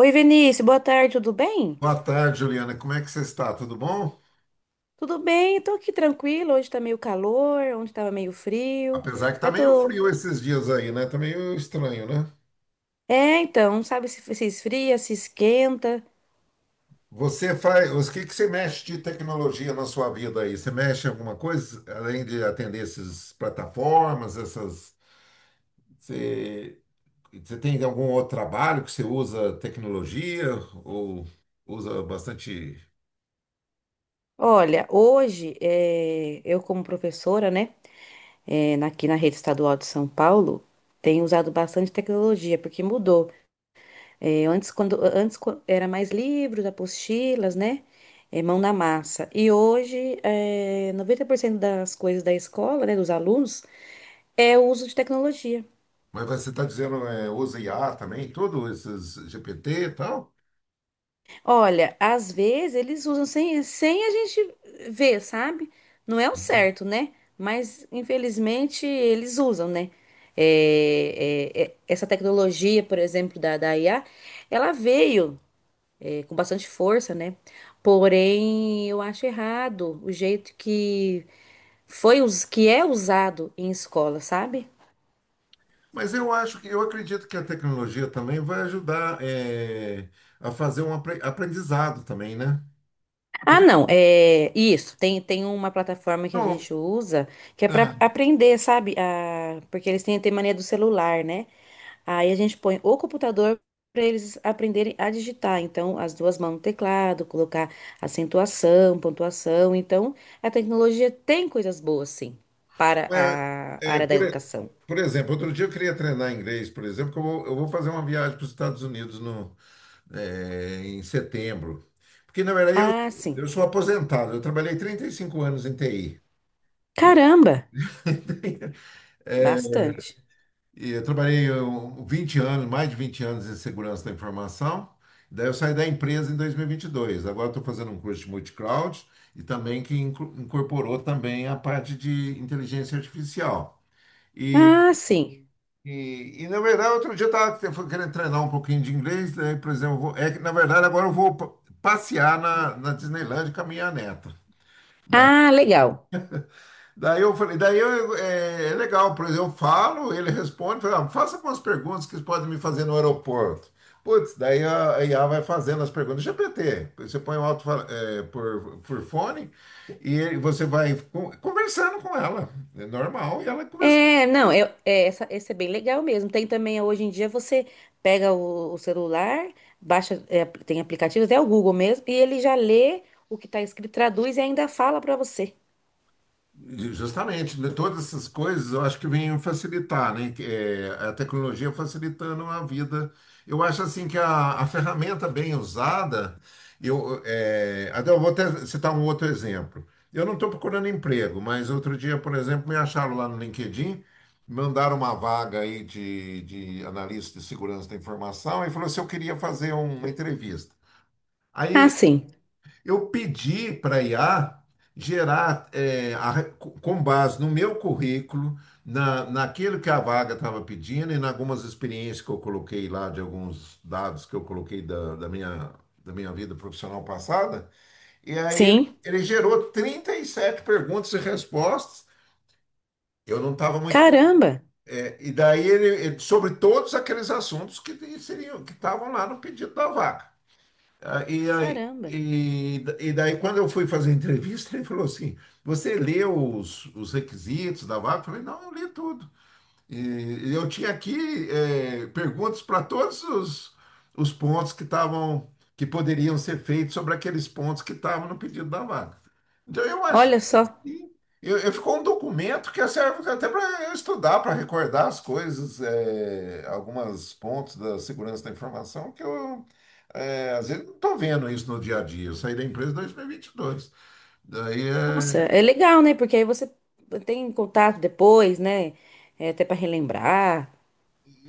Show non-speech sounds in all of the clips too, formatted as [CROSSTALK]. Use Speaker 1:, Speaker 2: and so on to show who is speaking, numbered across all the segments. Speaker 1: Oi, Vinícius, boa tarde, tudo bem?
Speaker 2: Boa tarde, Juliana. Como é que você está? Tudo bom?
Speaker 1: Tudo bem, tô aqui tranquilo. Hoje tá meio calor, ontem tava meio frio.
Speaker 2: Apesar que tá
Speaker 1: Aí
Speaker 2: meio
Speaker 1: tô.
Speaker 2: frio esses dias aí, né? Tá meio estranho, né?
Speaker 1: É, então, sabe se esfria, se esquenta.
Speaker 2: Você faz, o que que você mexe de tecnologia na sua vida aí? Você mexe em alguma coisa além de atender essas plataformas, essas você, você tem algum outro trabalho que você usa tecnologia ou usa bastante?
Speaker 1: Olha, hoje eu, como professora, né, aqui na rede estadual de São Paulo, tenho usado bastante tecnologia, porque mudou. É, antes, era mais livros, apostilas, né? É, mão na massa. E hoje, é, 90% das coisas da escola, né, dos alunos, é o uso de tecnologia.
Speaker 2: Mas você está dizendo é, usa IA também, tudo esses GPT e tal?
Speaker 1: Olha, às vezes eles usam sem a gente ver, sabe? Não é o certo, né? Mas, infelizmente, eles usam, né? Essa tecnologia, por exemplo, da IA, ela veio, com bastante força, né? Porém, eu acho errado o jeito que que é usado em escola, sabe?
Speaker 2: Mas eu acho que eu acredito que a tecnologia também vai ajudar a fazer um aprendizado também, né?
Speaker 1: Ah,
Speaker 2: Outro.
Speaker 1: não, é isso. Tem uma plataforma que a
Speaker 2: Não,
Speaker 1: gente usa que é para
Speaker 2: ah,
Speaker 1: aprender, sabe? Ah, porque eles têm mania do celular, né? Aí a gente põe o computador para eles aprenderem a digitar. Então, as duas mãos no teclado, colocar acentuação, pontuação. Então, a tecnologia tem coisas boas, sim, para a
Speaker 2: é,
Speaker 1: área da educação.
Speaker 2: por exemplo, outro dia eu queria treinar inglês, por exemplo, que eu vou fazer uma viagem para os Estados Unidos no, em setembro. Porque, na verdade,
Speaker 1: Ah, sim.
Speaker 2: eu sou aposentado, eu trabalhei 35 anos em TI.
Speaker 1: Caramba, bastante.
Speaker 2: E eu trabalhei 20 anos, mais de 20 anos em segurança da informação. Daí eu saí da empresa em dois mil e vinte e dois. Agora estou fazendo um curso de multicloud e também que incorporou também a parte de inteligência artificial. E,
Speaker 1: Ah, sim.
Speaker 2: e, na verdade, outro dia eu estava querendo treinar um pouquinho de inglês. Daí, por exemplo, é que na verdade agora passear na Disneyland com a minha neta, né?
Speaker 1: Ah, legal.
Speaker 2: Daí eu falei, é, é legal, por exemplo, eu falo, ele responde, fala, ah, faça algumas perguntas que vocês podem me fazer no aeroporto. Putz, daí a IA vai fazendo as perguntas. GPT, você põe o alto por fone e você vai conversando com ela, é normal, e ela conversando.
Speaker 1: É, não, eu, é, essa, esse é bem legal mesmo. Tem também, hoje em dia, você pega o celular, baixa, é, tem aplicativos, até o Google mesmo, e ele já lê o que está escrito, traduz e ainda fala para você.
Speaker 2: Justamente, né, todas essas coisas eu acho que vêm facilitar, né? Que, é, a tecnologia facilitando a vida. Eu acho assim que a ferramenta bem usada, até eu vou até citar um outro exemplo. Eu não estou procurando emprego, mas outro dia, por exemplo, me acharam lá no LinkedIn, mandaram uma vaga aí de analista de segurança da informação e falou se eu queria fazer uma entrevista.
Speaker 1: Ah,
Speaker 2: Aí
Speaker 1: sim.
Speaker 2: eu pedi para a IA gerar, a com base no meu currículo, naquilo que a vaga estava pedindo e em algumas experiências que eu coloquei lá, de alguns dados que eu coloquei da minha vida profissional passada. E aí
Speaker 1: Sim.
Speaker 2: ele gerou 37 perguntas e respostas. Eu não estava muito.
Speaker 1: Caramba,
Speaker 2: E daí sobre todos aqueles assuntos que seriam, que estavam lá no pedido da vaga.
Speaker 1: caramba.
Speaker 2: E daí, quando eu fui fazer a entrevista, ele falou assim: Você leu os requisitos da vaga? Eu falei: Não, eu li tudo. E eu tinha aqui perguntas para todos os pontos que estavam, que poderiam ser feitos sobre aqueles pontos que estavam no pedido da vaga. Então eu achei
Speaker 1: Olha só.
Speaker 2: assim, ficou um documento que serve até para eu estudar, para recordar as coisas, eh, alguns pontos da segurança da informação que às vezes não estou vendo isso no dia a dia. Eu saí da empresa em 2022. Daí
Speaker 1: Nossa,
Speaker 2: é,
Speaker 1: é legal, né? Porque aí você tem contato depois, né? É, até para relembrar.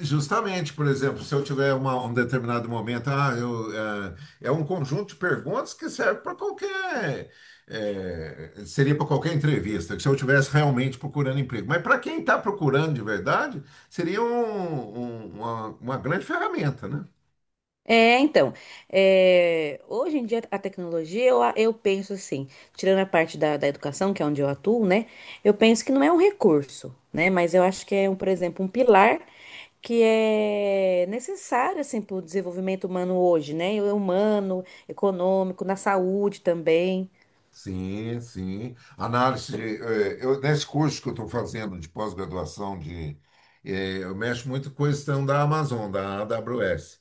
Speaker 2: justamente, por exemplo, se eu tiver um determinado momento, ah, é um conjunto de perguntas que serve para qualquer, eh, seria para qualquer entrevista, que se eu estivesse realmente procurando emprego. Mas para quem está procurando de verdade, seria uma grande ferramenta, né?
Speaker 1: É, então, é, hoje em dia a tecnologia, eu penso assim, tirando a parte da educação, que é onde eu atuo, né? Eu penso que não é um recurso, né? Mas eu acho que é, um, por exemplo, um pilar que é necessário, assim, para o desenvolvimento humano hoje, né? É humano, econômico, na saúde também.
Speaker 2: Sim, sim. Análise de, nesse curso que eu estou fazendo de pós-graduação de, eh, eu mexo muito com a questão da Amazon, da AWS.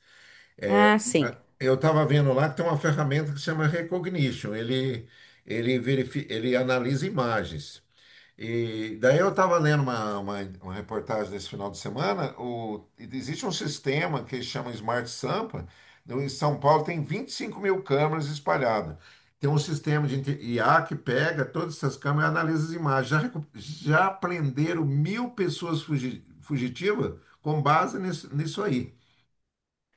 Speaker 1: Ah, sim.
Speaker 2: Eu estava vendo lá que tem uma ferramenta que chama Recognition. Ele analisa imagens. E daí eu estava lendo uma reportagem desse final de semana. O, existe um sistema que chama Smart Sampa. Em São Paulo tem 25 mil câmeras espalhadas. Tem um sistema de IA que pega todas essas câmeras e analisa as imagens. Já, já prenderam 1000 pessoas fugitivas com base nisso, nisso aí.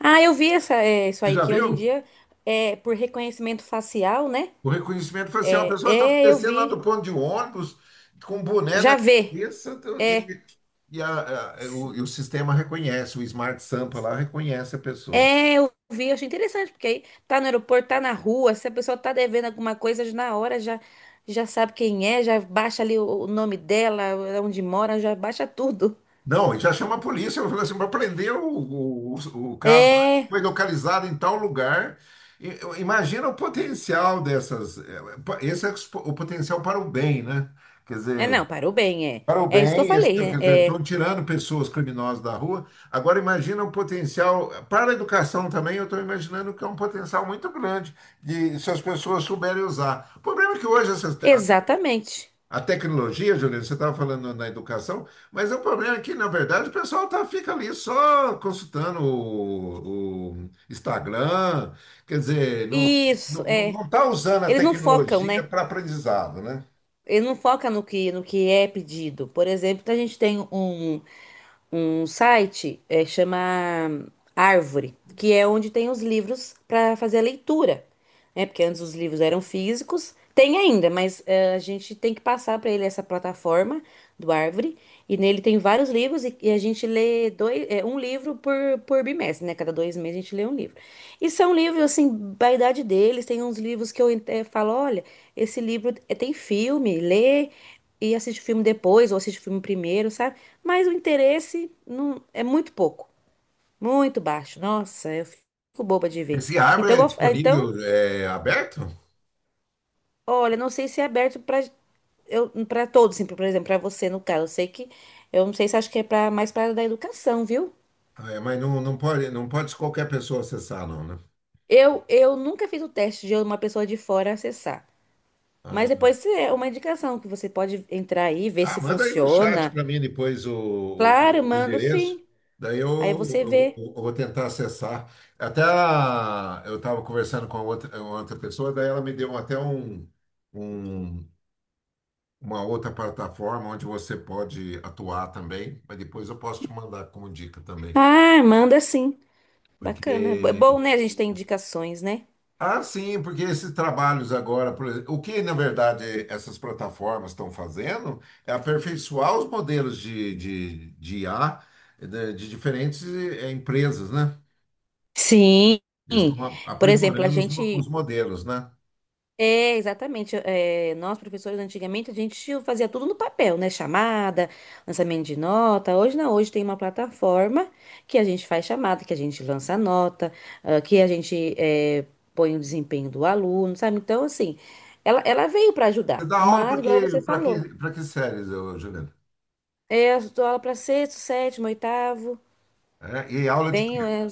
Speaker 1: Ah, eu vi essa, é, isso
Speaker 2: Você
Speaker 1: aí,
Speaker 2: já
Speaker 1: que hoje em
Speaker 2: viu?
Speaker 1: dia, é, por reconhecimento facial, né?
Speaker 2: O reconhecimento foi assim, ó, a
Speaker 1: É,
Speaker 2: pessoa está
Speaker 1: é, eu
Speaker 2: descendo lá
Speaker 1: vi.
Speaker 2: do ponto de ônibus, com um boné na
Speaker 1: Já vê.
Speaker 2: cabeça,
Speaker 1: É.
Speaker 2: e e o sistema reconhece, o Smart Sampa lá reconhece a pessoa.
Speaker 1: É, eu vi, eu achei interessante, porque aí tá no aeroporto, tá na rua, se a pessoa tá devendo alguma coisa, já na hora já, já sabe quem é, já baixa ali o nome dela, é onde mora, já baixa tudo.
Speaker 2: Não, e já chama a polícia, eu falo assim, para prender o cara,
Speaker 1: É,
Speaker 2: foi localizado em tal lugar. Imagina o potencial dessas, esse é o o potencial para o bem, né? Quer
Speaker 1: é
Speaker 2: dizer,
Speaker 1: não, parou bem, é.
Speaker 2: para o
Speaker 1: É isso que eu
Speaker 2: bem, esse-
Speaker 1: falei,
Speaker 2: quer
Speaker 1: né?
Speaker 2: dizer,
Speaker 1: É,
Speaker 2: estão tirando pessoas criminosas da rua. Agora imagina o potencial, para a educação também, eu estou imaginando que é um potencial muito grande de, se as pessoas souberem usar. O problema é que hoje essas
Speaker 1: exatamente.
Speaker 2: a tecnologia, Juliana, você estava falando na educação, mas o problema é que, na verdade, o pessoal tá, fica ali só consultando o Instagram, quer dizer, não,
Speaker 1: Isso, é.
Speaker 2: não tá usando a
Speaker 1: Eles não focam,
Speaker 2: tecnologia
Speaker 1: né?
Speaker 2: para aprendizado, né?
Speaker 1: Eles não focam no que, no que é pedido. Por exemplo, a gente tem um site, é, chama Árvore, que é onde tem os livros para fazer a leitura, né? Porque antes os livros eram físicos, tem ainda, mas é, a gente tem que passar para ele essa plataforma do Árvore, e nele tem vários livros, e a gente lê dois, é, um livro por bimestre, né? Cada dois meses a gente lê um livro. E são livros, assim, da idade deles, tem uns livros que eu falo, olha, esse livro tem filme, lê e assiste o filme depois, ou assiste o filme primeiro, sabe? Mas o interesse não é muito pouco, muito baixo. Nossa, eu fico boba de ver.
Speaker 2: Esse
Speaker 1: Então,
Speaker 2: árvore é
Speaker 1: eu gof- então,
Speaker 2: disponível, é aberto?
Speaker 1: olha, não sei se é aberto para eu para todos, assim, por exemplo, para você no caso. Eu sei que eu não sei se acho que é para mais para da educação, viu?
Speaker 2: Ah, é, mas não, não pode, não pode qualquer pessoa acessar, não, né?
Speaker 1: Eu nunca fiz o teste de uma pessoa de fora acessar. Mas
Speaker 2: Ah,
Speaker 1: depois é uma indicação que você pode entrar aí, ver se
Speaker 2: manda aí no chat
Speaker 1: funciona.
Speaker 2: para mim depois
Speaker 1: Claro,
Speaker 2: o
Speaker 1: mando
Speaker 2: endereço.
Speaker 1: sim.
Speaker 2: Daí
Speaker 1: Aí você vê.
Speaker 2: eu vou tentar acessar. Até eu estava conversando com a outra, uma outra pessoa, daí ela me deu até um- uma outra plataforma onde você pode atuar também, mas depois eu posso te mandar como dica também.
Speaker 1: Ah, manda sim. Bacana. É bom,
Speaker 2: Porque
Speaker 1: né? A gente tem indicações, né?
Speaker 2: ah, sim, porque esses trabalhos agora, por exemplo, o que na verdade essas plataformas estão fazendo é aperfeiçoar os modelos de IA de diferentes eh, empresas, né?
Speaker 1: Sim,
Speaker 2: Eles estão
Speaker 1: por exemplo, a
Speaker 2: aprimorando os
Speaker 1: gente.
Speaker 2: modelos, né?
Speaker 1: É, exatamente. É, nós, professores, antigamente, a gente fazia tudo no papel, né? Chamada, lançamento de nota. Hoje não, hoje tem uma plataforma que a gente faz chamada, que a gente lança a nota, ah, que a gente é, põe o desempenho do aluno, sabe? Então, assim, ela veio para
Speaker 2: Você
Speaker 1: ajudar,
Speaker 2: dá aula
Speaker 1: mas,
Speaker 2: para
Speaker 1: igual
Speaker 2: que,
Speaker 1: você
Speaker 2: para
Speaker 1: falou,
Speaker 2: que, para que séries, ô, Juliana?
Speaker 1: é, eu dou aula para sexto, sétimo, oitavo,
Speaker 2: É, e aula de quê?
Speaker 1: bem, é,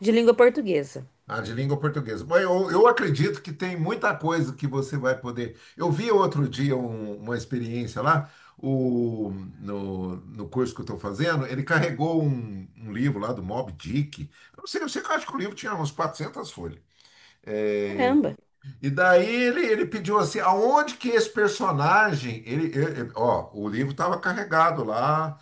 Speaker 1: de língua portuguesa.
Speaker 2: Ah, de língua portuguesa. Mas eu acredito que tem muita coisa que você vai poder. Eu vi outro dia uma experiência lá, o, no, no curso que eu estou fazendo, ele carregou um livro lá do Moby Dick. Eu não sei, eu sei que eu acho que o livro tinha uns 400 folhas. É,
Speaker 1: Caramba.
Speaker 2: e daí ele pediu assim, aonde que esse personagem. Ó, o livro estava carregado lá.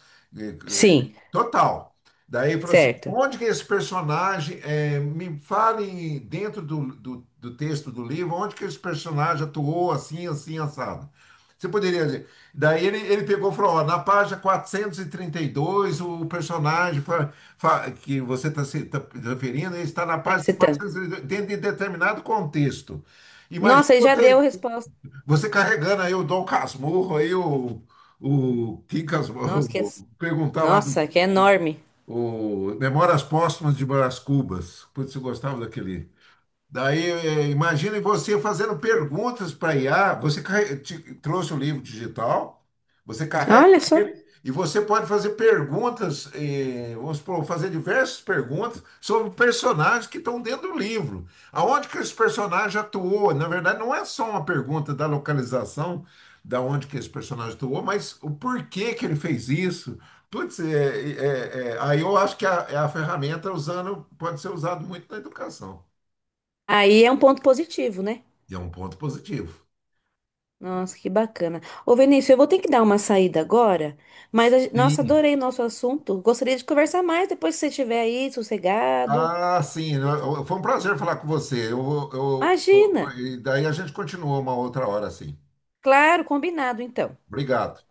Speaker 1: Sim,
Speaker 2: Total. Daí ele falou assim,
Speaker 1: certo.
Speaker 2: onde que esse personagem, é, me fale dentro do texto do livro, onde que esse personagem atuou assim, assim, assado. Você poderia dizer. Daí ele pegou e falou, ó, na página 432 o personagem que você está se tá referindo, ele está na
Speaker 1: Tá
Speaker 2: página
Speaker 1: citando.
Speaker 2: 432, dentro de determinado contexto. Imagina
Speaker 1: Nossa, aí já deu a
Speaker 2: você,
Speaker 1: resposta.
Speaker 2: você carregando aí o Dom Casmurro, aí o Kim
Speaker 1: Nossa, que é,
Speaker 2: Casmurro, [LAUGHS] perguntar lá do
Speaker 1: nossa, que é enorme.
Speaker 2: o Memórias Póstumas de Brás Cubas. Putz, eu gostava daquele. Daí, eh, imagine você fazendo perguntas para IA. Você trouxe o livro digital, você carrega
Speaker 1: Olha só.
Speaker 2: ele e você pode fazer perguntas, eh, vamos supor, fazer diversas perguntas sobre personagens que estão dentro do livro. Aonde que esse personagem atuou? Na verdade, não é só uma pergunta da localização, da onde que esse personagem atuou, mas o porquê que ele fez isso. Putz, eh, aí eu acho que é a ferramenta usando pode ser usada muito na educação.
Speaker 1: Aí é um ponto positivo, né?
Speaker 2: E é um ponto positivo.
Speaker 1: Nossa, que bacana. Ô, Vinícius, eu vou ter que dar uma saída agora, mas, nossa,
Speaker 2: Sim.
Speaker 1: adorei o nosso assunto. Gostaria de conversar mais depois que você estiver aí, sossegado.
Speaker 2: Ah, sim. Foi um prazer falar com você. Eu, vou-
Speaker 1: Imagina!
Speaker 2: eu- e daí a gente continua uma outra hora, sim.
Speaker 1: Claro, combinado, então.
Speaker 2: Obrigado.